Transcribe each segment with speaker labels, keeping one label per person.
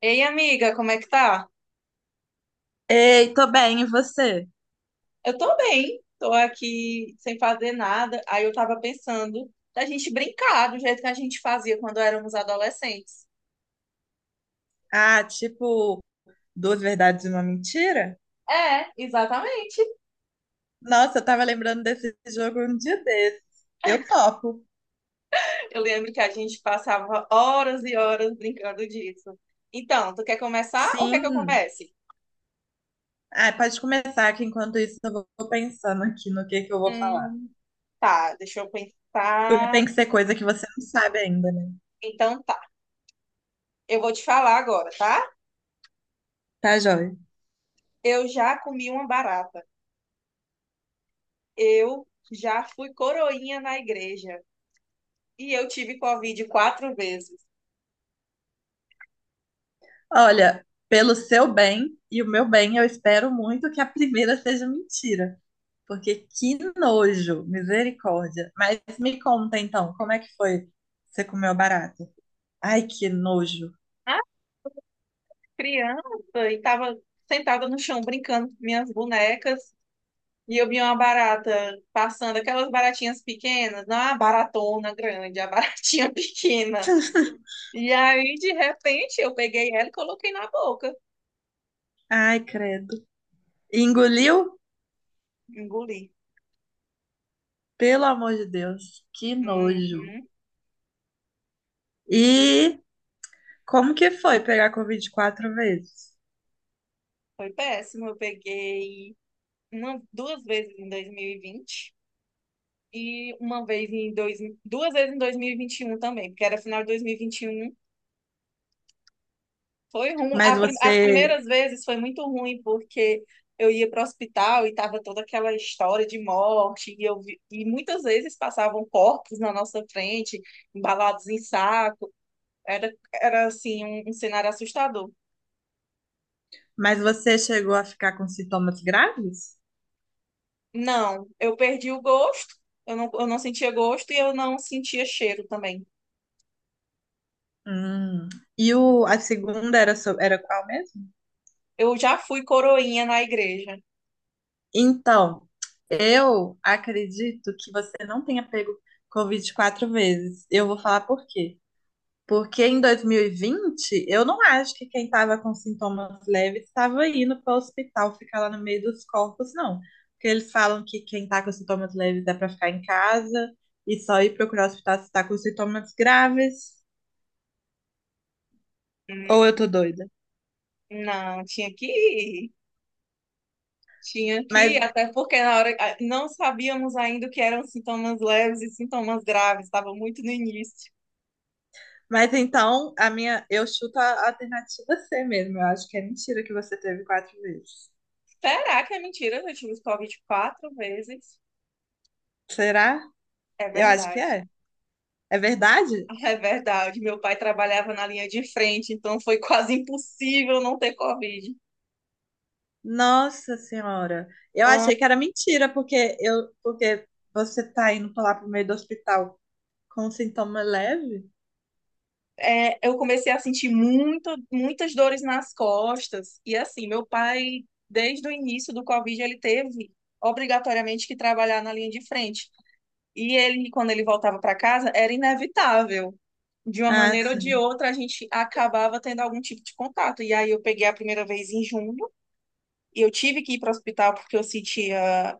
Speaker 1: Ei, amiga, como é que tá?
Speaker 2: Ei, tô bem, e você?
Speaker 1: Eu tô bem, tô aqui sem fazer nada. Aí eu tava pensando da gente brincar do jeito que a gente fazia quando éramos adolescentes.
Speaker 2: Ah, tipo, duas verdades e uma mentira?
Speaker 1: É, exatamente.
Speaker 2: Nossa, eu tava lembrando desse jogo um dia desses. Eu topo.
Speaker 1: Eu lembro que a gente passava horas e horas brincando disso. Então, tu quer começar ou quer que eu
Speaker 2: Sim.
Speaker 1: comece?
Speaker 2: Ah, pode começar, que enquanto isso eu vou pensando aqui no que eu vou falar.
Speaker 1: Hum, tá, deixa eu
Speaker 2: Porque
Speaker 1: pensar.
Speaker 2: tem que ser coisa que você não sabe ainda, né?
Speaker 1: Então tá, eu vou te falar agora, tá?
Speaker 2: Tá, joia?
Speaker 1: Eu já comi uma barata. Eu já fui coroinha na igreja. E eu tive Covid quatro vezes.
Speaker 2: Olha, pelo seu bem e o meu bem, eu espero muito que a primeira seja mentira. Porque que nojo, misericórdia. Mas me conta então, como é que foi? Você comeu barata? Ai, que nojo.
Speaker 1: Ah, criança, e tava sentada no chão brincando com minhas bonecas. E eu vi uma barata passando, aquelas baratinhas pequenas, não a baratona grande, a baratinha pequena. E aí, de repente, eu peguei ela e coloquei na boca,
Speaker 2: Ai, credo. Engoliu?
Speaker 1: engoli.
Speaker 2: Pelo amor de Deus, que nojo.
Speaker 1: Uhum.
Speaker 2: E como que foi pegar Covid 4 vezes?
Speaker 1: Foi péssimo. Eu peguei, não, duas vezes em 2020 e vinte e uma vez em dois, duas vezes em 2021 também, porque era final de 2021. Foi ruim.
Speaker 2: Mas
Speaker 1: As
Speaker 2: você,
Speaker 1: primeiras vezes foi muito ruim, porque eu ia para o hospital e tava toda aquela história de morte, e muitas vezes passavam corpos na nossa frente, embalados em saco. Era, era assim, um cenário assustador.
Speaker 2: mas você chegou a ficar com sintomas graves?
Speaker 1: Não, eu perdi o gosto, eu não sentia gosto e eu não sentia cheiro também.
Speaker 2: Hum. E o, a segunda era, era qual mesmo?
Speaker 1: Eu já fui coroinha na igreja.
Speaker 2: Então, eu acredito que você não tenha pego Covid 4 vezes. Eu vou falar por quê. Porque em 2020, eu não acho que quem estava com sintomas leves estava indo para o hospital ficar lá no meio dos corpos, não. Porque eles falam que quem está com sintomas leves é para ficar em casa e só ir procurar o hospital se está com sintomas graves. Ou eu
Speaker 1: Hum,
Speaker 2: tô doida.
Speaker 1: Não, tinha que ir. Tinha que ir,
Speaker 2: Mas,
Speaker 1: até porque na hora não sabíamos ainda o que eram sintomas leves e sintomas graves, estava muito no início.
Speaker 2: mas então, a minha, eu chuto a alternativa C mesmo. Eu acho que é mentira que você teve 4 vezes.
Speaker 1: Será que é mentira? Eu tive Covid quatro vezes.
Speaker 2: Será?
Speaker 1: É
Speaker 2: Eu acho que
Speaker 1: verdade.
Speaker 2: é. É verdade?
Speaker 1: É verdade. Meu pai trabalhava na linha de frente, então foi quase impossível não ter Covid.
Speaker 2: Nossa Senhora, eu
Speaker 1: Ah,
Speaker 2: achei que era mentira, porque eu, porque você tá indo pra lá pro meio do hospital com sintoma leve?
Speaker 1: é, eu comecei a sentir muitas dores nas costas. E assim, meu pai, desde o início do Covid, ele teve obrigatoriamente que trabalhar na linha de frente. E ele, quando ele voltava para casa, era inevitável. De uma
Speaker 2: Ah,
Speaker 1: maneira ou de
Speaker 2: sim.
Speaker 1: outra, a gente acabava tendo algum tipo de contato. E aí eu peguei a primeira vez em junho e eu tive que ir para o hospital porque eu sentia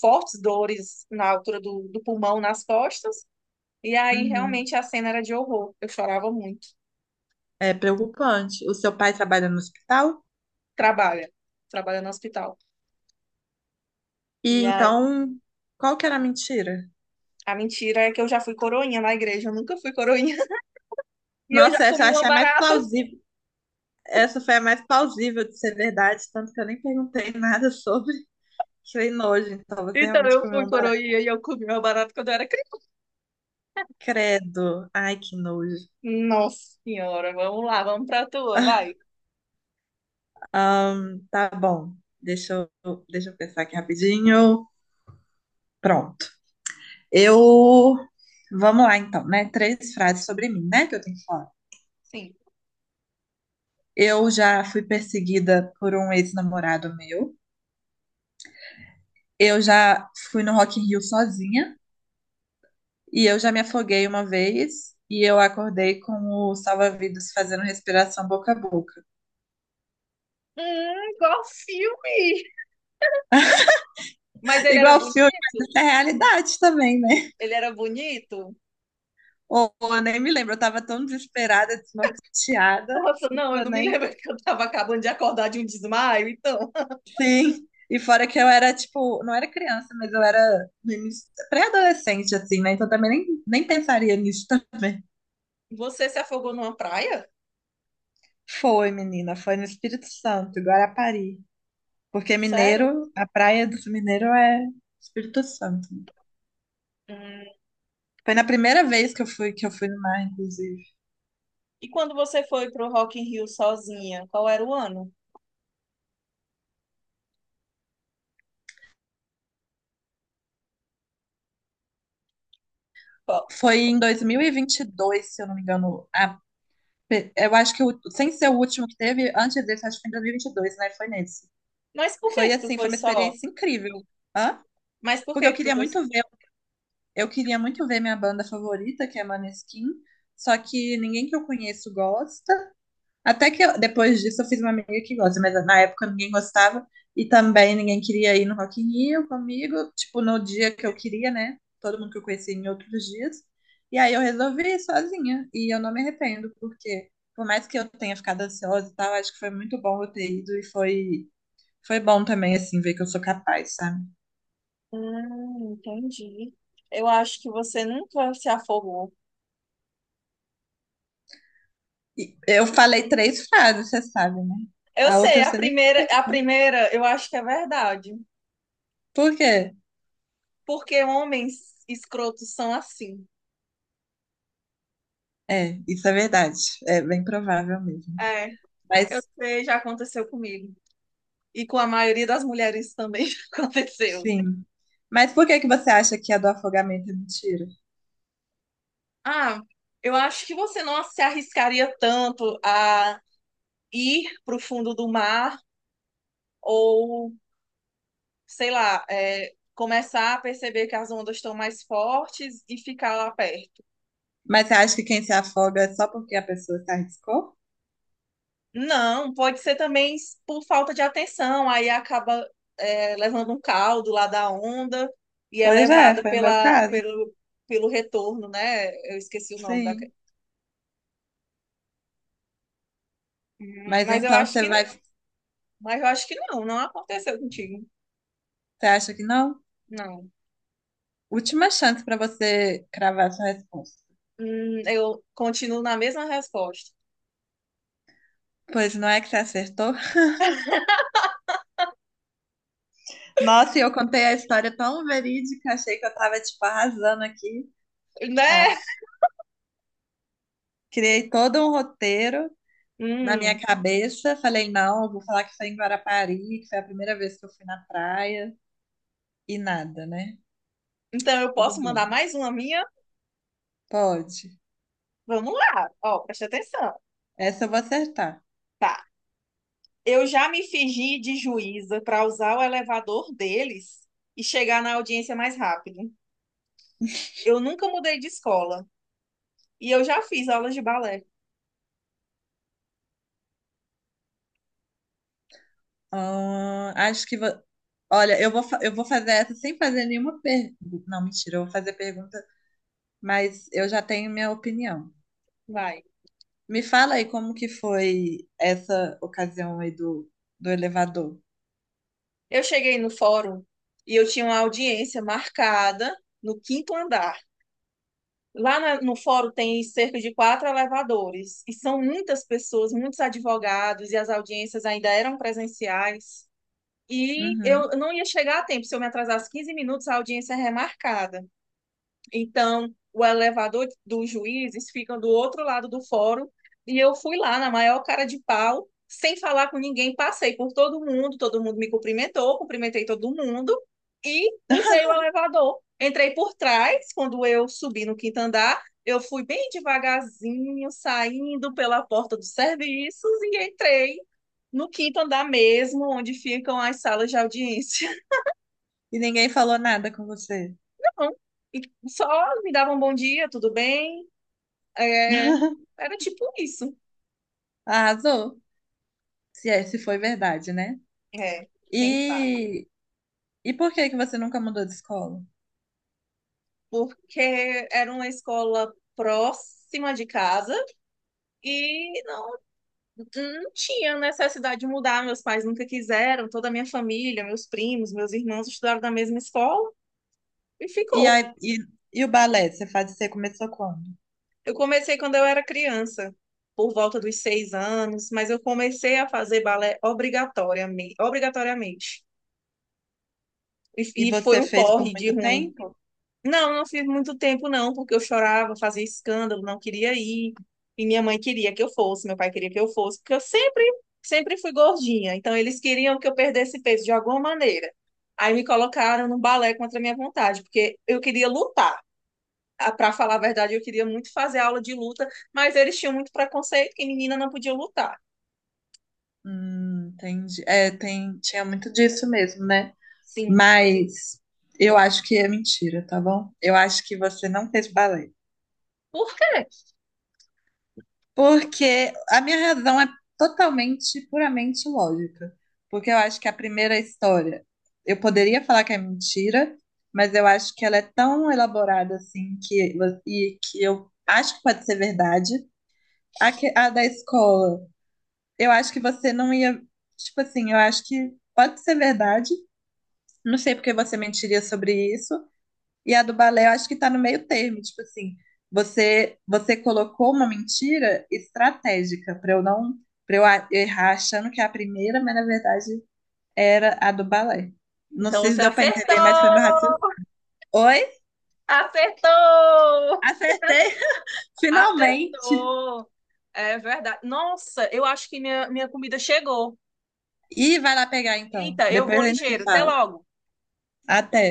Speaker 1: fortes dores na altura do pulmão, nas costas. E aí
Speaker 2: Uhum.
Speaker 1: realmente a cena era de horror. Eu chorava muito.
Speaker 2: É preocupante. O seu pai trabalha no hospital?
Speaker 1: Trabalha, trabalha no hospital.
Speaker 2: E
Speaker 1: E a,
Speaker 2: então, qual que era a mentira?
Speaker 1: a mentira é que eu já fui coroinha na igreja, eu nunca fui coroinha. E eu já
Speaker 2: Nossa, essa eu
Speaker 1: comi uma
Speaker 2: achei a mais
Speaker 1: barata.
Speaker 2: plausível. Essa foi a mais plausível de ser verdade, tanto que eu nem perguntei nada sobre. Que nojo, então você
Speaker 1: Então
Speaker 2: realmente
Speaker 1: eu
Speaker 2: comeu
Speaker 1: fui
Speaker 2: um barato.
Speaker 1: coroinha e eu comi uma barata quando eu era.
Speaker 2: Credo. Ai, que nojo.
Speaker 1: Nossa senhora, vamos lá, vamos pra tua, vai.
Speaker 2: Tá bom. Deixa eu pensar aqui rapidinho. Pronto. Eu. Vamos lá, então, né? Três frases sobre mim, né? Que eu tenho que falar.
Speaker 1: Sim.
Speaker 2: Eu já fui perseguida por um ex-namorado meu. Eu já fui no Rock in Rio sozinha. E eu já me afoguei uma vez. E eu acordei com o salva-vidas fazendo respiração boca a boca.
Speaker 1: Igual filme. Mas ele era
Speaker 2: Igual
Speaker 1: bonito?
Speaker 2: filme, mas isso é realidade também, né?
Speaker 1: Ele era bonito?
Speaker 2: Ou eu nem me lembro, eu tava tão desesperada, desnorteada.
Speaker 1: Nossa, não,
Speaker 2: Que
Speaker 1: eu
Speaker 2: eu
Speaker 1: não me
Speaker 2: nem
Speaker 1: lembro que eu tava acabando de acordar de um desmaio. Então,
Speaker 2: Sim, e fora que eu era, tipo, não era criança, mas eu era no pré-adolescente, assim, né? Então também nem pensaria nisso também.
Speaker 1: você se afogou numa praia?
Speaker 2: Foi, menina, foi no Espírito Santo, em Guarapari. Porque
Speaker 1: Sério?
Speaker 2: mineiro, a praia do Mineiro é Espírito Santo.
Speaker 1: Hum.
Speaker 2: Foi na primeira vez que eu fui no mar, inclusive.
Speaker 1: E quando você foi pro Rock in Rio sozinha, qual era o ano? Qual?
Speaker 2: Foi em dois mil e vinte e dois se eu não me engano. Eu acho que, sem ser o último que teve, antes desse, acho que foi em 2022, né? Foi nesse.
Speaker 1: Mas por que
Speaker 2: Foi
Speaker 1: que tu
Speaker 2: assim, foi
Speaker 1: foi
Speaker 2: uma
Speaker 1: só?
Speaker 2: experiência incrível. Hã?
Speaker 1: Mas por que
Speaker 2: Porque eu
Speaker 1: que tu
Speaker 2: queria
Speaker 1: foi só?
Speaker 2: muito ver Eu queria muito ver minha banda favorita, que é Maneskin, só que ninguém que eu conheço gosta. Depois disso eu fiz uma amiga que gosta, mas na época ninguém gostava e também ninguém queria ir no Rock in Rio comigo, tipo no dia que eu queria, né? Todo mundo que eu conheci em outros dias. E aí eu resolvi ir sozinha e eu não me arrependo, porque por mais que eu tenha ficado ansiosa e tal, acho que foi muito bom eu ter ido e foi bom também assim ver que eu sou capaz, sabe?
Speaker 1: Entendi. Eu acho que você nunca se afogou.
Speaker 2: E eu falei três frases, você sabe, né?
Speaker 1: Eu
Speaker 2: A
Speaker 1: sei,
Speaker 2: outra
Speaker 1: a
Speaker 2: você nem
Speaker 1: primeira, a
Speaker 2: perguntou.
Speaker 1: primeira, eu acho que é verdade.
Speaker 2: Por quê?
Speaker 1: Porque homens escrotos são assim.
Speaker 2: É, isso é verdade. É bem provável mesmo.
Speaker 1: É, eu
Speaker 2: Mas,
Speaker 1: sei, já aconteceu comigo. E com a maioria das mulheres também já aconteceu.
Speaker 2: sim. Mas por que que você acha que a do afogamento é mentira?
Speaker 1: Ah, eu acho que você não se arriscaria tanto a ir para o fundo do mar ou, sei lá, começar a perceber que as ondas estão mais fortes e ficar lá perto.
Speaker 2: Mas você acha que quem se afoga é só porque a pessoa se arriscou?
Speaker 1: Não, pode ser também por falta de atenção, aí acaba, levando um caldo lá da onda e é
Speaker 2: Pois é,
Speaker 1: levada
Speaker 2: foi o meu
Speaker 1: pela,
Speaker 2: caso.
Speaker 1: pelo, pelo retorno, né? Eu esqueci o nome da.
Speaker 2: Sim.
Speaker 1: Hum,
Speaker 2: Mas
Speaker 1: Mas eu
Speaker 2: então
Speaker 1: acho
Speaker 2: você
Speaker 1: que não,
Speaker 2: vai, você
Speaker 1: não aconteceu contigo.
Speaker 2: acha que não?
Speaker 1: Não.
Speaker 2: Última chance para você cravar sua resposta.
Speaker 1: Eu continuo na mesma resposta.
Speaker 2: Pois não é que você acertou? Nossa, e eu contei a história tão verídica, achei que eu tava, tipo, arrasando aqui.
Speaker 1: Né?
Speaker 2: Ah, criei todo um roteiro na minha
Speaker 1: Hum,
Speaker 2: cabeça. Falei, não, eu vou falar que foi em Guarapari, que foi a primeira vez que eu fui na praia. E nada, né?
Speaker 1: então eu
Speaker 2: Tudo
Speaker 1: posso
Speaker 2: bem.
Speaker 1: mandar mais uma minha?
Speaker 2: Pode.
Speaker 1: Vamos lá. Ó, preste atenção.
Speaker 2: Essa eu vou acertar.
Speaker 1: Tá? Eu já me fingi de juíza para usar o elevador deles e chegar na audiência mais rápido. Eu nunca mudei de escola e eu já fiz aulas de balé.
Speaker 2: Acho que vou... Olha, eu vou fazer essa sem fazer nenhuma pergunta. Não, mentira, eu vou fazer pergunta, mas eu já tenho minha opinião.
Speaker 1: Vai.
Speaker 2: Me fala aí como que foi essa ocasião aí do elevador.
Speaker 1: Eu cheguei no fórum e eu tinha uma audiência marcada no quinto andar. Lá no fórum tem cerca de quatro elevadores e são muitas pessoas, muitos advogados e as audiências ainda eram presenciais. E
Speaker 2: Uhum.
Speaker 1: eu não ia chegar a tempo, se eu me atrasasse 15 minutos, a audiência é remarcada. Então, o elevador dos juízes fica do outro lado do fórum e eu fui lá na maior cara de pau, sem falar com ninguém, passei por todo mundo me cumprimentou, cumprimentei todo mundo e usei o elevador. Entrei por trás, quando eu subi no quinto andar, eu fui bem devagarzinho, saindo pela porta dos serviços e entrei no quinto andar mesmo, onde ficam as salas de audiência.
Speaker 2: E ninguém falou nada com você.
Speaker 1: E só me davam um bom dia, tudo bem? É, era tipo isso.
Speaker 2: Arrasou. Se é, se foi verdade, né?
Speaker 1: É, quem sabe?
Speaker 2: E, e por que que você nunca mudou de escola?
Speaker 1: Porque era uma escola próxima de casa e não, não tinha necessidade de mudar. Meus pais nunca quiseram, toda a minha família, meus primos, meus irmãos estudaram na mesma escola e
Speaker 2: E,
Speaker 1: ficou.
Speaker 2: aí, e o balé, você começou quando?
Speaker 1: Eu comecei quando eu era criança, por volta dos 6 anos, mas eu comecei a fazer balé obrigatoriamente, obrigatoriamente.
Speaker 2: E
Speaker 1: E foi
Speaker 2: você
Speaker 1: um
Speaker 2: fez por
Speaker 1: porre de
Speaker 2: muito
Speaker 1: ruim.
Speaker 2: tempo?
Speaker 1: Não, não fiz muito tempo, não, porque eu chorava, fazia escândalo, não queria ir. E minha mãe queria que eu fosse, meu pai queria que eu fosse, porque eu sempre, sempre fui gordinha. Então, eles queriam que eu perdesse peso de alguma maneira. Aí me colocaram no balé contra a minha vontade, porque eu queria lutar. Para falar a verdade, eu queria muito fazer aula de luta, mas eles tinham muito preconceito que menina não podia lutar.
Speaker 2: Entendi. É, tinha muito disso mesmo, né?
Speaker 1: Sim.
Speaker 2: Mas eu acho que é mentira, tá bom? Eu acho que você não fez balé.
Speaker 1: Por quê?
Speaker 2: Porque a minha razão é totalmente, puramente lógica. Porque eu acho que a primeira história, eu poderia falar que é mentira, mas eu acho que ela é tão elaborada assim que e que eu acho que pode ser verdade. A, que- a da escola, eu acho que você não ia, tipo assim, eu acho que pode ser verdade. Não sei porque você mentiria sobre isso, e a do balé, eu acho que tá no meio termo, tipo assim, você colocou uma mentira estratégica para eu não para eu errar achando que é a primeira, mas na verdade era a do balé. Não
Speaker 1: Então
Speaker 2: sei se
Speaker 1: você
Speaker 2: deu para
Speaker 1: acertou!
Speaker 2: entender, mas foi meu raciocínio. Oi?
Speaker 1: Acertou!
Speaker 2: Acertei, finalmente.
Speaker 1: Acertou! É verdade. Nossa, eu acho que minha comida chegou.
Speaker 2: E vai lá pegar então.
Speaker 1: Eita, eu
Speaker 2: Depois
Speaker 1: vou
Speaker 2: a gente se
Speaker 1: ligeiro. Até
Speaker 2: fala.
Speaker 1: logo.
Speaker 2: Até.